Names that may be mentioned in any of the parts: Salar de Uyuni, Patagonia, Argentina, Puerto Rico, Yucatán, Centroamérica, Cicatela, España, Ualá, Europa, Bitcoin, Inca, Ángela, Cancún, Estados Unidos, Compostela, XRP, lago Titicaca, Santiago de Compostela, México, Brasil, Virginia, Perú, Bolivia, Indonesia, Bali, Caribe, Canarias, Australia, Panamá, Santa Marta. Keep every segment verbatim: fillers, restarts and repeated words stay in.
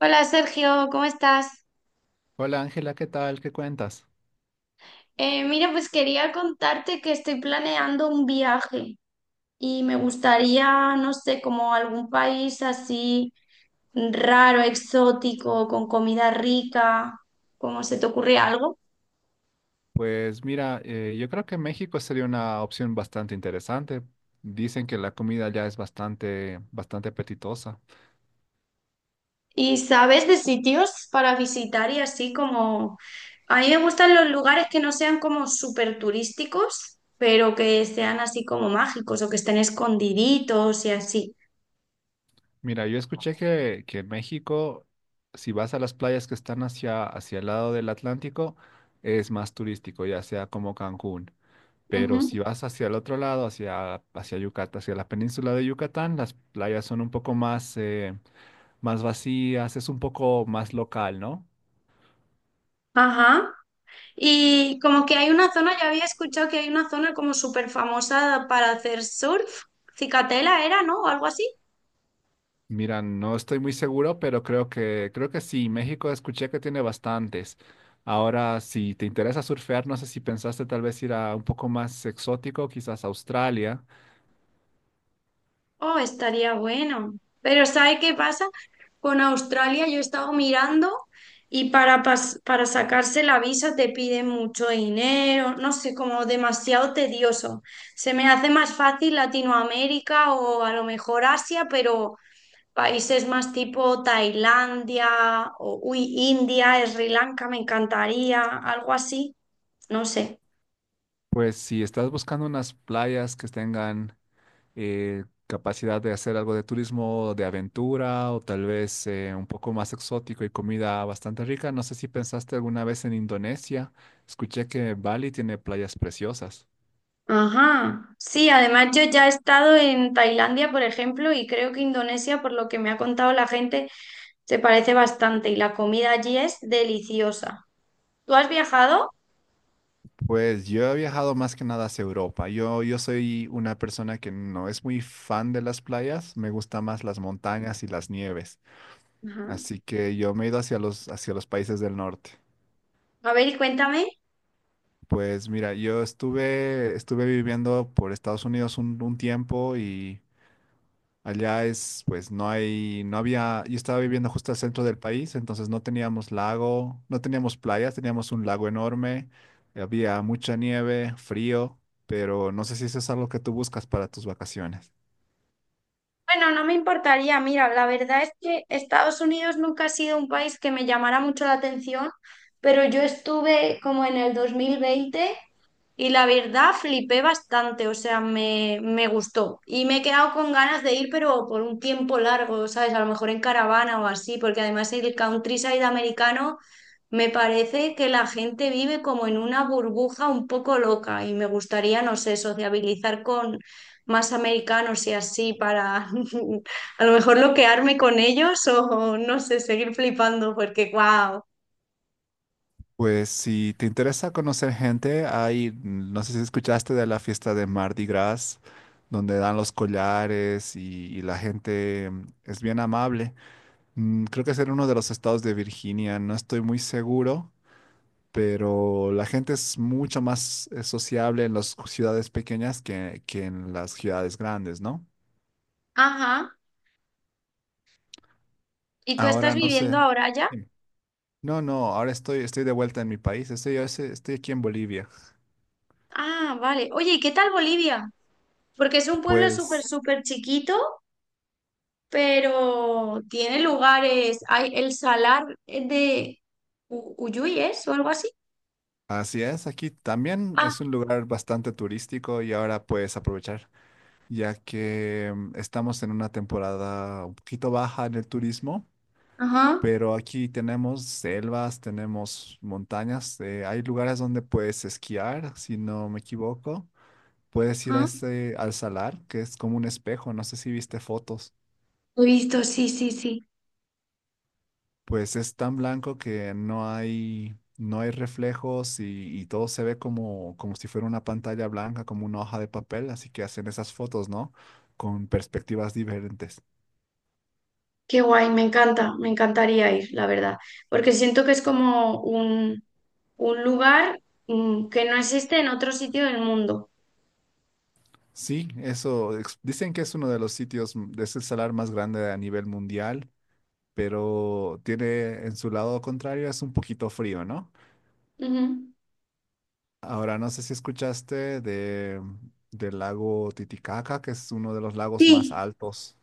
Hola Sergio, ¿cómo estás? Hola Ángela, ¿qué tal? ¿Qué cuentas? Eh, mira, pues quería contarte que estoy planeando un viaje y me gustaría, no sé, como algún país así raro, exótico, con comida rica. ¿Cómo se te ocurre algo? Pues mira, eh, yo creo que México sería una opción bastante interesante. Dicen que la comida ya es bastante, bastante apetitosa. ¿Y sabes de sitios para visitar y así como. A mí me gustan los lugares que no sean como súper turísticos, pero que sean así como mágicos o que estén escondiditos y así. Mira, yo escuché que, que en México, si vas a las playas que están hacia, hacia el lado del Atlántico, es más turístico, ya sea como Cancún. Pero Ujú. si vas hacia el otro lado, hacia, hacia Yucatán, hacia la península de Yucatán, las playas son un poco más, eh, más vacías, es un poco más local, ¿no? Ajá. Y como que hay una zona, ya había escuchado que hay una zona como súper famosa para hacer surf. Cicatela era, ¿no? O algo así. Mira, no estoy muy seguro, pero creo que, creo que sí. México escuché que tiene bastantes. Ahora, si te interesa surfear, no sé si pensaste tal vez ir a un poco más exótico, quizás Australia. Oh, estaría bueno. Pero ¿sabe qué pasa? Con Australia yo he estado mirando y para, pas- para sacarse la visa te piden mucho dinero, no sé, como demasiado tedioso. Se me hace más fácil Latinoamérica o a lo mejor Asia, pero países más tipo Tailandia o uy, India, Sri Lanka, me encantaría, algo así, no sé. Pues si estás buscando unas playas que tengan eh, capacidad de hacer algo de turismo de aventura o tal vez eh, un poco más exótico y comida bastante rica, no sé si pensaste alguna vez en Indonesia. Escuché que Bali tiene playas preciosas. Ajá. Sí, además yo ya he estado en Tailandia, por ejemplo, y creo que Indonesia, por lo que me ha contado la gente, se parece bastante y la comida allí es deliciosa. ¿Tú has viajado? Pues yo he viajado más que nada hacia Europa. Yo, yo soy una persona que no es muy fan de las playas, me gustan más las montañas y las nieves. Ajá. Así que yo me he ido hacia los, hacia los países del norte. A ver, y cuéntame. Pues mira, yo estuve, estuve viviendo por Estados Unidos un, un tiempo y allá es, pues no hay, no había, yo estaba viviendo justo al centro del país, entonces no teníamos lago, no teníamos playas, teníamos un lago enorme, había mucha nieve, frío, pero no sé si eso es algo que tú buscas para tus vacaciones. Bueno, no me importaría. Mira, la verdad es que Estados Unidos nunca ha sido un país que me llamara mucho la atención, pero yo estuve como en el dos mil veinte. Y la verdad flipé bastante. O sea, me, me gustó. Y me he quedado con ganas de ir, pero por un tiempo largo, ¿sabes? A lo mejor en caravana o así, porque además el countryside americano me parece que la gente vive como en una burbuja un poco loca y me gustaría, no sé, sociabilizar con más americanos y así para a lo mejor loquearme con ellos o no sé, seguir flipando porque wow. Pues si te interesa conocer gente, hay, no sé si escuchaste de la fiesta de Mardi Gras, donde dan los collares y, y la gente mm, es bien amable. Mm, Creo que es en uno de los estados de Virginia, no estoy muy seguro, pero la gente es mucho más eh, sociable en las ciudades pequeñas que, que en las ciudades grandes, ¿no? Ajá. ¿Y tú estás Ahora no sé. viviendo ahora ya? Dime. No, no, ahora estoy, estoy de vuelta en mi país, estoy, estoy estoy aquí en Bolivia. Ah, vale. Oye, ¿y qué tal Bolivia? Porque es un pueblo súper, Pues súper chiquito, pero tiene lugares. Hay el Salar de U- Uyui, ¿es? O algo así. así es, aquí también Ah, es un lugar bastante turístico y ahora puedes aprovechar, ya que mm, estamos en una temporada un poquito baja en el turismo. ajá, Pero aquí tenemos selvas, tenemos montañas, eh, hay lugares donde puedes esquiar, si no me equivoco. Puedes ir a ajá. este, al salar, que es como un espejo, no sé si viste fotos. Lo he visto, sí, sí, sí. Pues es tan blanco que no hay, no hay reflejos y, y todo se ve como, como si fuera una pantalla blanca, como una hoja de papel, así que hacen esas fotos, ¿no? Con perspectivas diferentes. Qué guay, me encanta, me encantaría ir, la verdad. Porque siento que es como un, un lugar mm, que no existe en otro sitio del mundo. Sí, eso, ex- dicen que es uno de los sitios, m- es el salar más grande a nivel mundial, pero tiene en su lado contrario, es un poquito frío, ¿no? Ujú. Ahora, no sé si escuchaste de, del lago Titicaca, que es uno de los lagos más Sí. altos.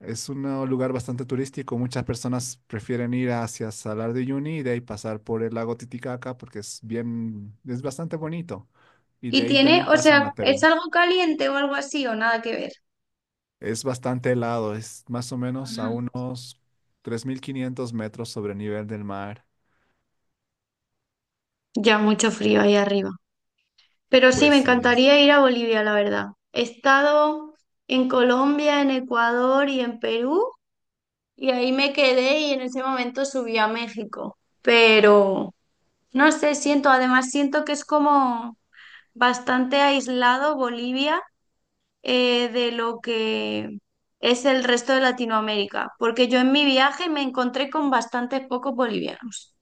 Es un eh, lugar bastante turístico. Muchas personas prefieren ir hacia Salar de Uyuni y de ahí pasar por el lago Titicaca porque es bien, es bastante bonito. Y de Y ahí tiene, también o pasan sea, a ¿es Perú. algo caliente o algo así o nada que ver? Es bastante helado, es más o menos a unos tres mil quinientos metros sobre el nivel del mar. Ya mucho frío ahí arriba. Pero sí, me Pues sí. encantaría ir a Bolivia, la verdad. He estado en Colombia, en Ecuador y en Perú, y ahí me quedé y en ese momento subí a México. Pero no sé, siento, además siento que es como bastante aislado Bolivia eh, de lo que es el resto de Latinoamérica, porque yo en mi viaje me encontré con bastantes pocos bolivianos.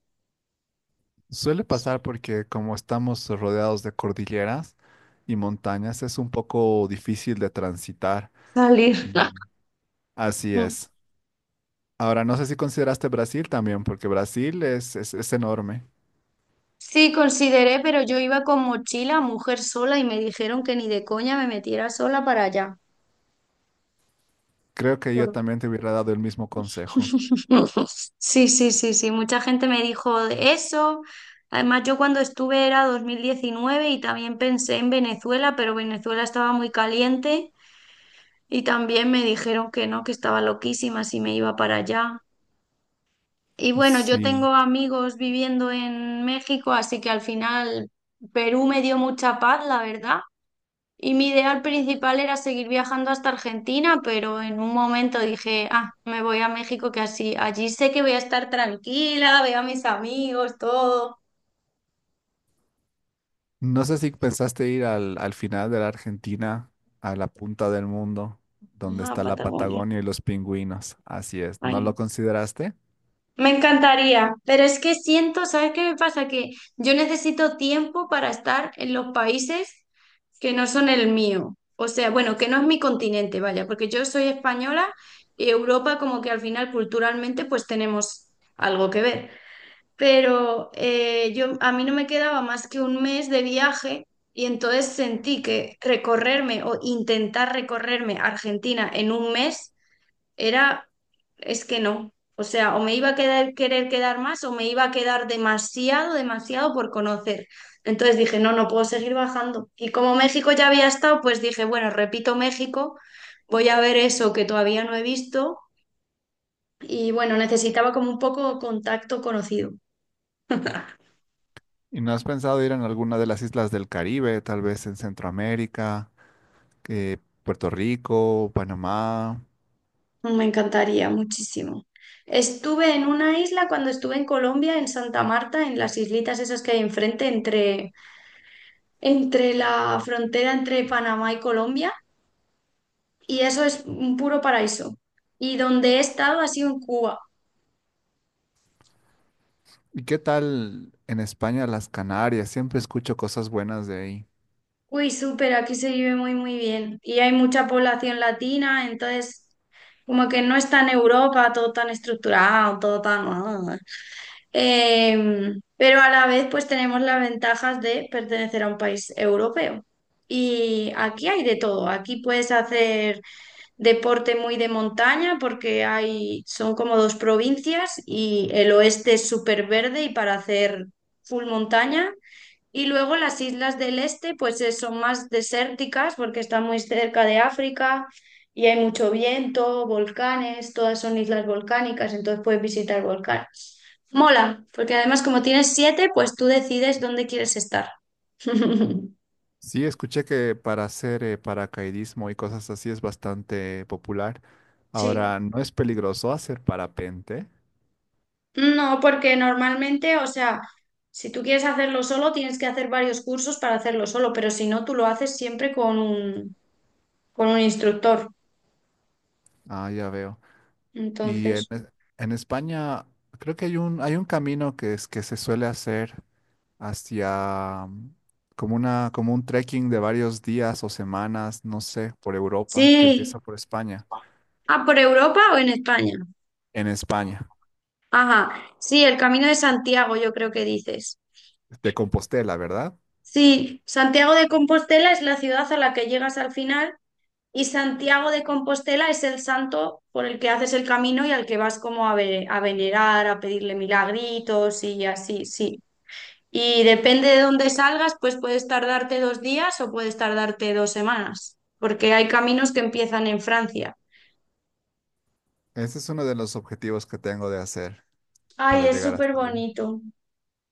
Suele pasar porque como estamos rodeados de cordilleras y montañas, es un poco difícil de transitar. Salir. Y así es. Ahora, no sé si consideraste Brasil también, porque Brasil es, es, es enorme. Sí, consideré, pero yo iba con mochila, mujer sola, y me dijeron que ni de coña me metiera sola para allá. Creo que yo Por- también te hubiera dado el mismo consejo. Sí, sí, sí, sí, mucha gente me dijo eso. Además, yo cuando estuve era dos mil diecinueve y también pensé en Venezuela, pero Venezuela estaba muy caliente y también me dijeron que no, que estaba loquísima si me iba para allá. Y bueno, yo tengo Sí. amigos viviendo en México, así que al final Perú me dio mucha paz, la verdad. Y mi ideal principal era seguir viajando hasta Argentina, pero en un momento dije, ah, me voy a México, que así, allí sé que voy a estar tranquila, veo a mis amigos, todo. No sé si pensaste ir al, al final de la Argentina, a la punta del mundo, donde Ah, está la Patagonia. Patagonia y los pingüinos. Así es. ¿No Ay, lo consideraste? me encantaría, pero es que siento, ¿sabes qué me pasa? Que yo necesito tiempo para estar en los países que no son el mío. O sea, bueno, que no es mi continente, vaya, porque yo soy española y Europa como que al final culturalmente pues tenemos algo que ver. Pero eh, yo, a mí no me quedaba más que un mes de viaje y entonces sentí que recorrerme o intentar recorrerme Argentina en un mes era, es que no. O sea, o me iba a quedar, querer quedar más o me iba a quedar demasiado, demasiado por conocer. Entonces dije, no, no puedo seguir bajando. Y como México ya había estado, pues dije, bueno, repito México, voy a ver eso que todavía no he visto. Y bueno, necesitaba como un poco contacto conocido. ¿Y no has pensado ir en alguna de las islas del Caribe, tal vez en Centroamérica, eh, Puerto Rico, Panamá? Me encantaría muchísimo. Estuve en una isla cuando estuve en Colombia, en Santa Marta, en las islitas esas que hay enfrente, entre, entre la frontera entre Panamá y Colombia, y eso es un puro paraíso. Y donde he estado ha sido en Cuba. ¿Y qué tal en España, las Canarias? Siempre escucho cosas buenas de ahí. Uy, súper, aquí se vive muy, muy bien. Y hay mucha población latina, entonces como que no está en Europa todo tan estructurado, todo tan. Ah, Em, pero a la vez, pues tenemos las ventajas de pertenecer a un país europeo. Y aquí hay de todo. Aquí puedes hacer deporte muy de montaña porque hay, son como dos provincias y el oeste es súper verde y para hacer full montaña. Y luego las islas del este, pues eh, son más desérticas porque están muy cerca de África y hay mucho viento, volcanes, todas son islas volcánicas, entonces puedes visitar volcanes. Mola, porque además como tienes siete, pues tú decides dónde quieres estar. Sí, escuché que para hacer eh, paracaidismo y cosas así es bastante popular. Sí. Ahora, ¿no es peligroso hacer parapente? No, porque normalmente, o sea, si tú quieres hacerlo solo, tienes que hacer varios cursos para hacerlo solo, pero si no, tú lo haces siempre con un, con un instructor. Ah, ya veo. Y en, Entonces, es- en España creo que hay un, hay un camino que, es, que se suele hacer hacia mm, como una, como un trekking de varios días o semanas, no sé, por Europa, que sí. empieza por España, Ah, ¿por Europa o en España? en España, Ajá, sí, el Camino de Santiago, yo creo que dices. de Compostela, ¿verdad? Sí, Santiago de Compostela es la ciudad a la que llegas al final y Santiago de Compostela es el santo por el que haces el camino y al que vas como a, ve- a venerar, a pedirle milagritos y así, sí. Y depende de dónde salgas, pues puedes tardarte dos días o puedes tardarte dos semanas, porque hay caminos que empiezan en Francia. Ese es uno de los objetivos que tengo de hacer Ay, para es llegar súper hasta ahí. bonito.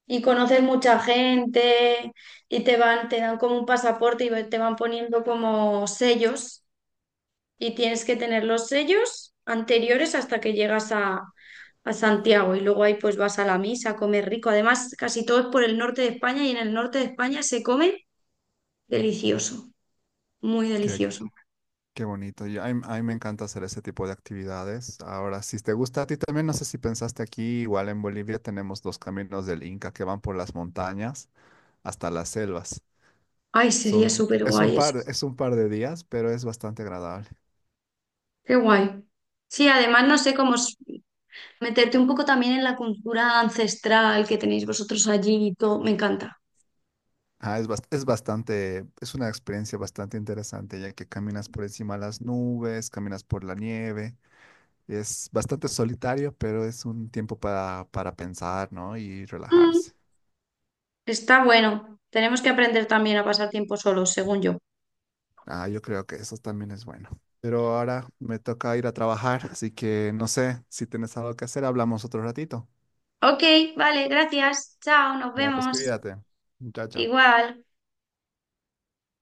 Y conoces mucha gente y te van, te dan como un pasaporte y te van poniendo como sellos y tienes que tener los sellos anteriores hasta que llegas a, a Santiago y luego ahí pues vas a la misa a comer rico. Además, casi todo es por el norte de España y en el norte de España se come delicioso, muy Qué, delicioso. qué bonito. Y a mí, a mí me encanta hacer ese tipo de actividades. Ahora, si te gusta a ti también, no sé si pensaste aquí, igual en Bolivia tenemos los caminos del Inca que van por las montañas hasta las selvas. Ay, sería Son, un- súper es un guay eso. par, es un par de días, pero es bastante agradable. Qué guay. Sí, además no sé cómo es- meterte un poco también en la cultura ancestral que tenéis vosotros allí y todo. Me encanta. Ah, es, bas- es bastante, es una experiencia bastante interesante, ya que caminas por encima de las nubes, caminas por la nieve. Es bastante solitario, pero es un tiempo para, para pensar, ¿no? Y Mm. relajarse. Está bueno. Tenemos que aprender también a pasar tiempo solos, según yo. Ah, yo creo que eso también es bueno. Pero ahora me toca ir a trabajar, así que no sé si tienes algo que hacer, hablamos otro ratito. Ok, vale, gracias. Chao, nos Ya, pues vemos. cuídate. Chao, chao. Igual.